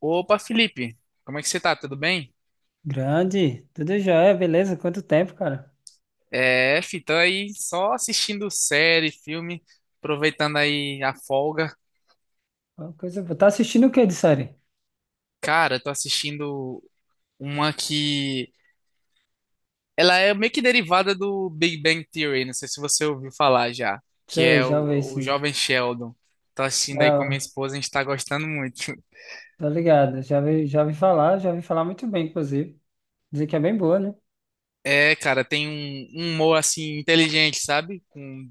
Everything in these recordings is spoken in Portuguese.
Opa, Felipe, como é que você tá? Tudo bem? Grande, tudo jóia, beleza? Quanto tempo, cara? É, fi, tô aí só assistindo série, filme, aproveitando aí a folga. Uma coisa boa. Tá assistindo o que de série? Cara, tô assistindo uma que ela é meio que derivada do Big Bang Theory, não sei se você ouviu falar já, que Sei, é já vi o esse. Jovem Sheldon. Tô assistindo É, aí com a minha ó, esposa, a gente tá gostando muito. tô ligado, já vi falar muito bem, inclusive. Dizer que é bem boa, né? É, cara, tem um humor assim inteligente, sabe? Com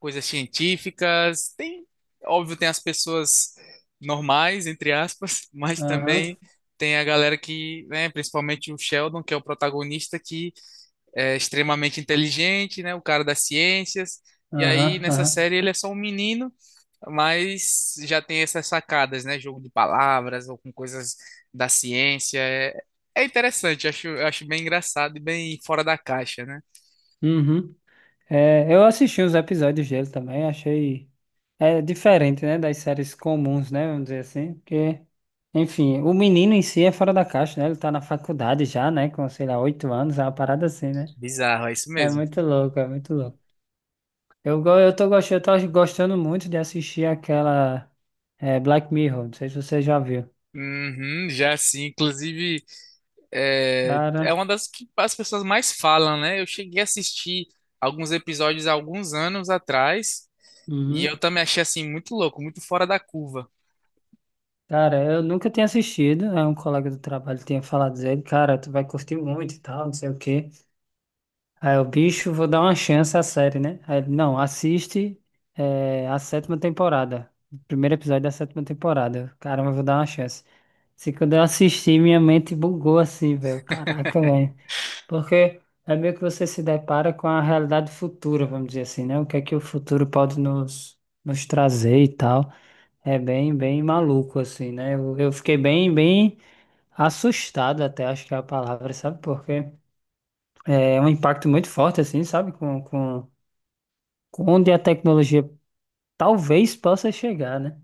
coisas científicas. Tem, óbvio, tem as pessoas normais, entre aspas, mas Aham, também tem a galera que, né, principalmente o Sheldon, que é o protagonista, que é extremamente inteligente, né, o cara das ciências. E aham, aí, nessa aham. série, ele é só um menino, mas já tem essas sacadas, né? Jogo de palavras ou com coisas da ciência. É, é interessante, acho, eu acho bem engraçado e bem fora da caixa, né? Uhum. É, eu assisti os episódios dele também, achei. É diferente, né, das séries comuns, né? Vamos dizer assim, porque. Enfim, o menino em si é fora da caixa, né? Ele tá na faculdade já, né? Com, sei lá, 8 anos, é uma parada assim, né? Bizarro, é isso É mesmo. muito louco, é muito louco. Eu tô gostando, eu tava gostando muito de assistir aquela Black Mirror, não sei se você já viu. Uhum, já sim, inclusive é, é Cara, uma das que as pessoas mais falam, né? Eu cheguei a assistir alguns episódios há alguns anos atrás e uhum. eu também achei assim muito louco, muito fora da curva. Cara, eu nunca tinha assistido, aí um colega do trabalho tinha falado dele, cara, tu vai curtir muito e tal, não sei o quê. Aí o bicho, vou dar uma chance à série, né? Aí ele, não, assiste a sétima temporada, o primeiro episódio da sétima temporada. Caramba, eu vou dar uma chance. Se quando eu assisti, minha mente bugou assim, velho. Caraca, velho. Porque é meio que você se depara com a realidade futura, vamos dizer assim, né? O que é que o futuro pode nos trazer e tal. É bem, bem maluco, assim, né? Eu fiquei bem, bem assustado até, acho que é a palavra, sabe? Porque é um impacto muito forte, assim, sabe? Com onde a tecnologia talvez possa chegar, né?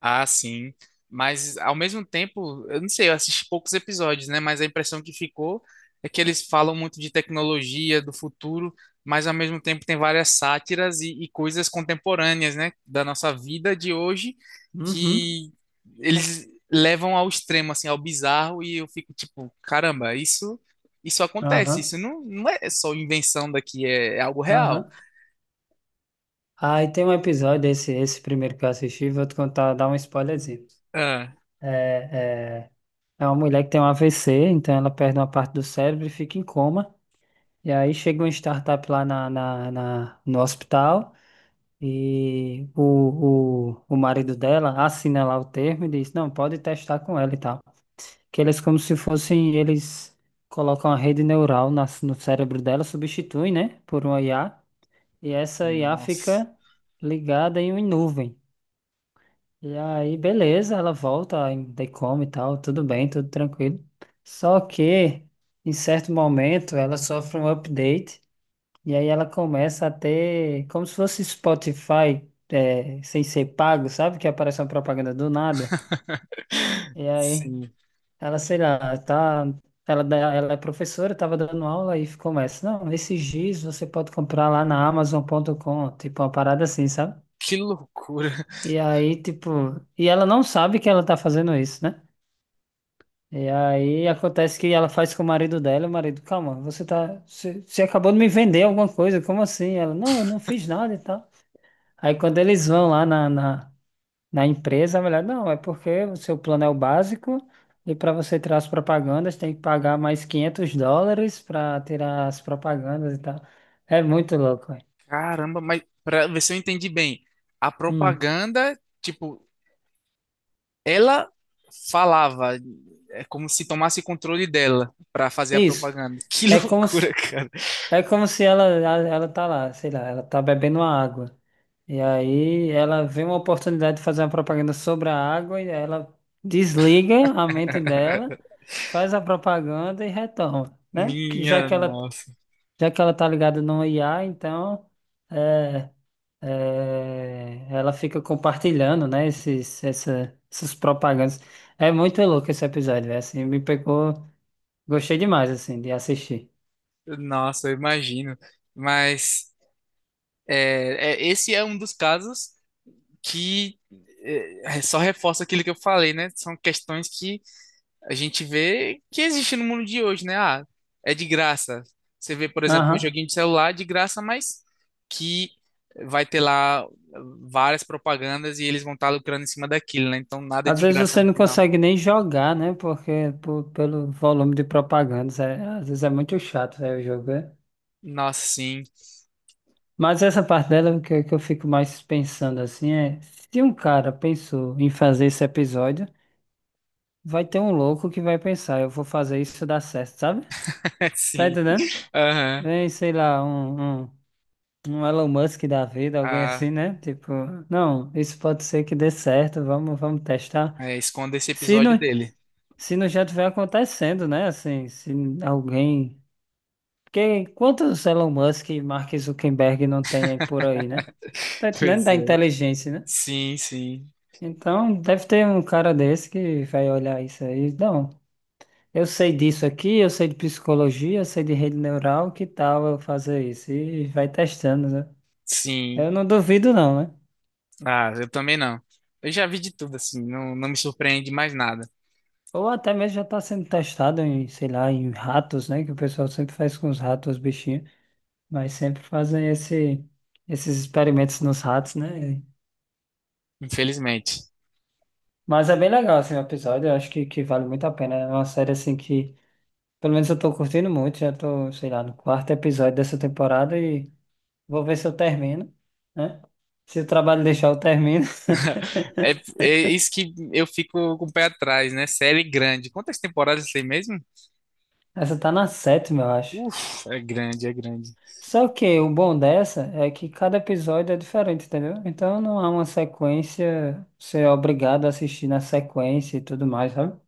Ah, sim. Mas ao mesmo tempo, eu não sei, eu assisti poucos episódios, né? Mas a impressão que ficou é que eles falam muito de tecnologia, do futuro, mas ao mesmo tempo tem várias sátiras e coisas contemporâneas, né? Da nossa vida de hoje, Uhum, que eles levam ao extremo, assim, ao bizarro, e eu fico tipo, caramba, isso acontece, aham, isso não, não é só invenção daqui, é, é algo real. aham. Aí tem um episódio, esse primeiro que eu assisti, vou te contar, dar um spoilerzinho. Ah, É, é, É uma mulher que tem um AVC, então ela perde uma parte do cérebro e fica em coma. E aí chega uma startup lá no hospital e o marido dela assina lá o termo e diz, não, pode testar com ela e tal. Que eles como se fossem, eles colocam a rede neural no cérebro dela, substituem, né, por uma IA. E essa IA nossa, fica ligada em uma nuvem. E aí, beleza, ela volta, ainda come e tal, tudo bem, tudo tranquilo. Só que, em certo momento, ela sofre um update e aí ela começa a ter, como se fosse Spotify, sem ser pago, sabe? Que aparece uma propaganda do nada. E aí, sim, ela, sei lá, tá, ela é professora, estava dando aula e começa, não, esse giz você pode comprar lá na Amazon.com, tipo uma parada assim, sabe? que loucura. E aí, tipo, e ela não sabe que ela tá fazendo isso, né? E aí acontece que ela faz com o marido dela, o marido, calma, você tá, você acabou de me vender alguma coisa, como assim? Ela, não, eu não fiz nada e tal. Aí quando eles vão lá na empresa, a mulher, não, é porque o seu plano é o básico e para você tirar as propagandas tem que pagar mais US$ 500 para tirar as propagandas e tal. É muito louco, velho. Caramba, mas para ver se eu entendi bem, a Hum. propaganda, tipo, ela falava, é como se tomasse controle dela para fazer a Isso. propaganda. Que É como loucura, se, cara. é como se ela tá lá, sei lá, ela tá bebendo uma água. E aí ela vê uma oportunidade de fazer uma propaganda sobre a água e ela desliga a mente dela, faz a propaganda e retorna, né? Que já Minha que ela nossa. já que ela tá ligada no IA, então é, ela fica compartilhando, né? Essas propagandas. É muito louco esse episódio, velho. Assim, me pegou, gostei demais assim de assistir. Nossa, eu imagino. Mas é, é, esse é um dos casos que é, só reforça aquilo que eu falei, né? São questões que a gente vê que existe no mundo de hoje, né? Ah, é de graça. Você vê, por exemplo, um Aham. joguinho de celular de graça, mas que vai ter lá várias propagandas e eles vão estar lucrando em cima daquilo, né? Então nada é Às de vezes graça você no não final. consegue nem jogar, né? Porque pelo volume de propagandas, às vezes é muito chato, né, o jogo. É. Nossa, sim, Mas essa parte dela que, que eu fico mais pensando assim é, se um cara pensou em fazer esse episódio, vai ter um louco que vai pensar, eu vou fazer isso dar certo, sabe? Tá sim. entendendo? Aham. Vem, sei lá, um Elon Musk da vida, alguém Ah, assim, né? Tipo, não, isso pode ser que dê certo, vamos testar. é, esconda esse Se episódio não, dele. se não já tiver acontecendo, né? Assim, se alguém. Porque quantos Elon Musk e Mark Zuckerberg não tem aí por aí, né? Tá entendendo? Pois Da é. inteligência, né? Sim, sim, Então, deve ter um cara desse que vai olhar isso aí. Não, eu sei disso aqui, eu sei de psicologia, eu sei de rede neural, que tal eu fazer isso? E vai testando, né? sim. Eu não duvido não, né? Ah, eu também não. Eu já vi de tudo, assim, não, não me surpreende mais nada, Ou até mesmo já está sendo testado em, sei lá, em ratos, né? Que o pessoal sempre faz com os ratos, os bichinhos. Mas sempre fazem esses experimentos nos ratos, né? infelizmente. Mas é bem legal, assim, o episódio. Eu acho que vale muito a pena, né? É uma série, assim, que pelo menos eu tô curtindo muito. Já tô, sei lá, no quarto episódio dessa temporada e vou ver se eu termino, né? Se o trabalho deixar, eu termino. É, é isso que eu fico com o pé atrás, né? Série grande. Quantas temporadas tem mesmo? Essa tá na sétima, eu acho. Uf, é grande, é grande. Só que o bom dessa é que cada episódio é diferente, entendeu? Então não há uma sequência, você é obrigado a assistir na sequência e tudo mais, sabe?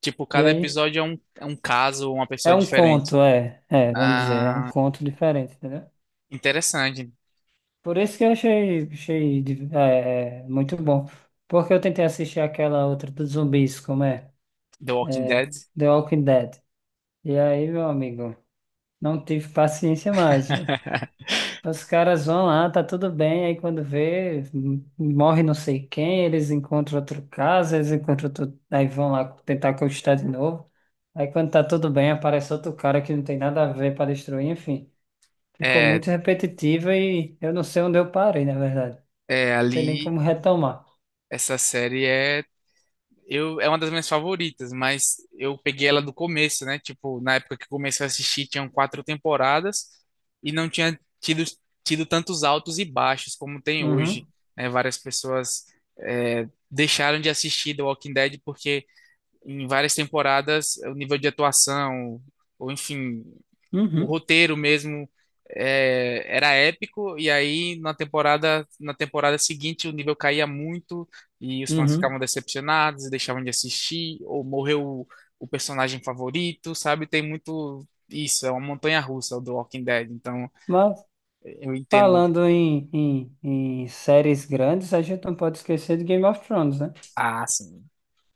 Tipo, E cada aí episódio é um caso, uma é pessoa um diferente. conto, vamos dizer, é um Ah, conto diferente, entendeu? interessante. Por isso que eu achei muito bom. Porque eu tentei assistir aquela outra dos zumbis, como é? The Walking É, Dead. The Walking Dead. E aí, meu amigo, não tive paciência mais, velho. Os caras vão lá, tá tudo bem, aí quando vê, morre não sei quem, eles encontram outro caso, eles encontram outro... Aí vão lá tentar conquistar de novo. Aí quando tá tudo bem, aparece outro cara que não tem nada a ver para destruir, enfim. Ficou É, muito repetitiva e eu não sei onde eu parei, na verdade. é Sei nem ali, como retomar. essa série é eu, é uma das minhas favoritas, mas eu peguei ela do começo, né? Tipo, na época que eu comecei a assistir, tinham quatro temporadas e não tinha tido, tido tantos altos e baixos como tem hoje, Uhum, né? Várias pessoas é, deixaram de assistir The Walking Dead porque em várias temporadas o nível de atuação, ou enfim, o uhum, roteiro mesmo é, era épico, e aí na temporada seguinte o nível caía muito e os fãs uhum. ficavam decepcionados, deixavam de assistir, ou morreu o personagem favorito, sabe? Tem muito isso, é uma montanha russa do Walking Dead, então Mas eu entendo. falando em séries grandes, a gente não pode esquecer de Game of Thrones, né? Ah, assim,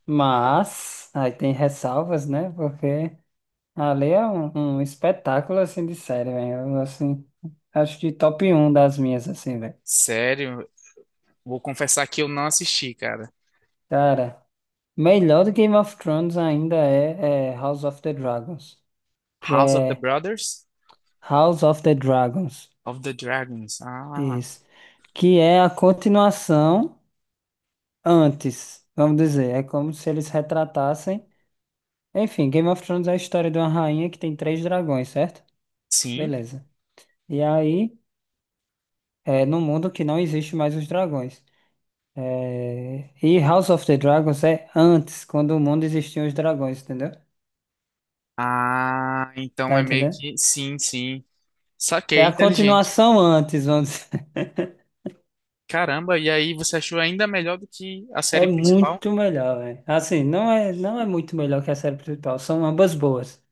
Mas aí tem ressalvas, né? Porque ali é um espetáculo assim de série, velho. Assim, acho de top um das minhas, assim, velho. sério, vou confessar que eu não assisti, cara. Cara, melhor do Game of Thrones ainda é House of the Dragons, que House of the é Brothers House of the Dragons. of the Dragons. Ah, Isso. Que é a continuação. Antes, vamos dizer. É como se eles retratassem. Enfim, Game of Thrones é a história de uma rainha que tem três dragões, certo? sim. Beleza. E aí, é no mundo que não existe mais os dragões. É, e House of the Dragons é antes, quando o mundo existiam os dragões, entendeu? Ah, então Tá é meio entendendo? que sim, sim. É Saquei, a inteligente. continuação antes, vamos dizer. Caramba, e aí você achou ainda melhor do que a É série principal? muito melhor, velho. Assim, não é muito melhor que a série principal, são ambas boas.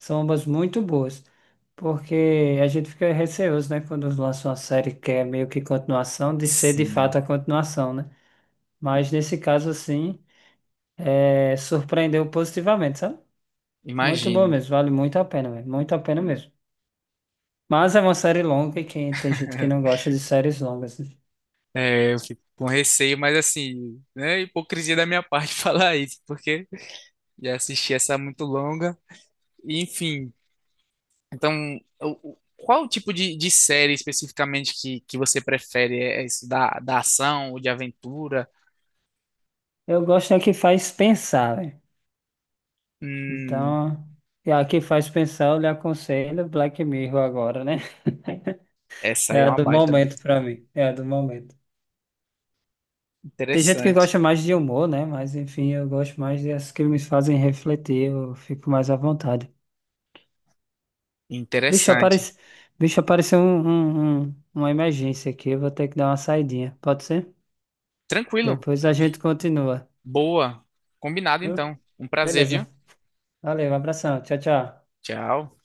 São ambas muito boas, porque a gente fica receoso, né, quando lança uma série que é meio que continuação, de ser de Sim. fato a continuação, né? Mas nesse caso, assim, surpreendeu positivamente, sabe? Muito bom Imagino. mesmo, vale muito a pena, velho, muito a pena mesmo. Mas é uma série longa e quem, tem gente que não gosta de séries longas, né? É, eu fico com receio, mas assim, né, hipocrisia da minha parte falar isso, porque já assisti essa muito longa. E, enfim, então, o- o- qual o tipo de série especificamente que você prefere? É isso da, da ação ou de aventura? Eu gosto é que faz pensar, velho. Hum, Então, e a que faz pensar, eu lhe aconselho Black Mirror agora, né? essa É aí é a uma do baita. momento pra mim, é a do momento. Tem gente que Interessante. gosta mais de humor, né? Mas enfim, eu gosto mais dessas que me fazem refletir, eu fico mais à vontade. Bicho, Interessante. aparece... Bicho, apareceu uma emergência aqui, eu vou ter que dar uma saidinha, pode ser? Tranquilo. Depois a gente continua, Boa. Combinado viu? então. Um prazer, Beleza. viu? Valeu, um abração, tchau, tchau. Tchau.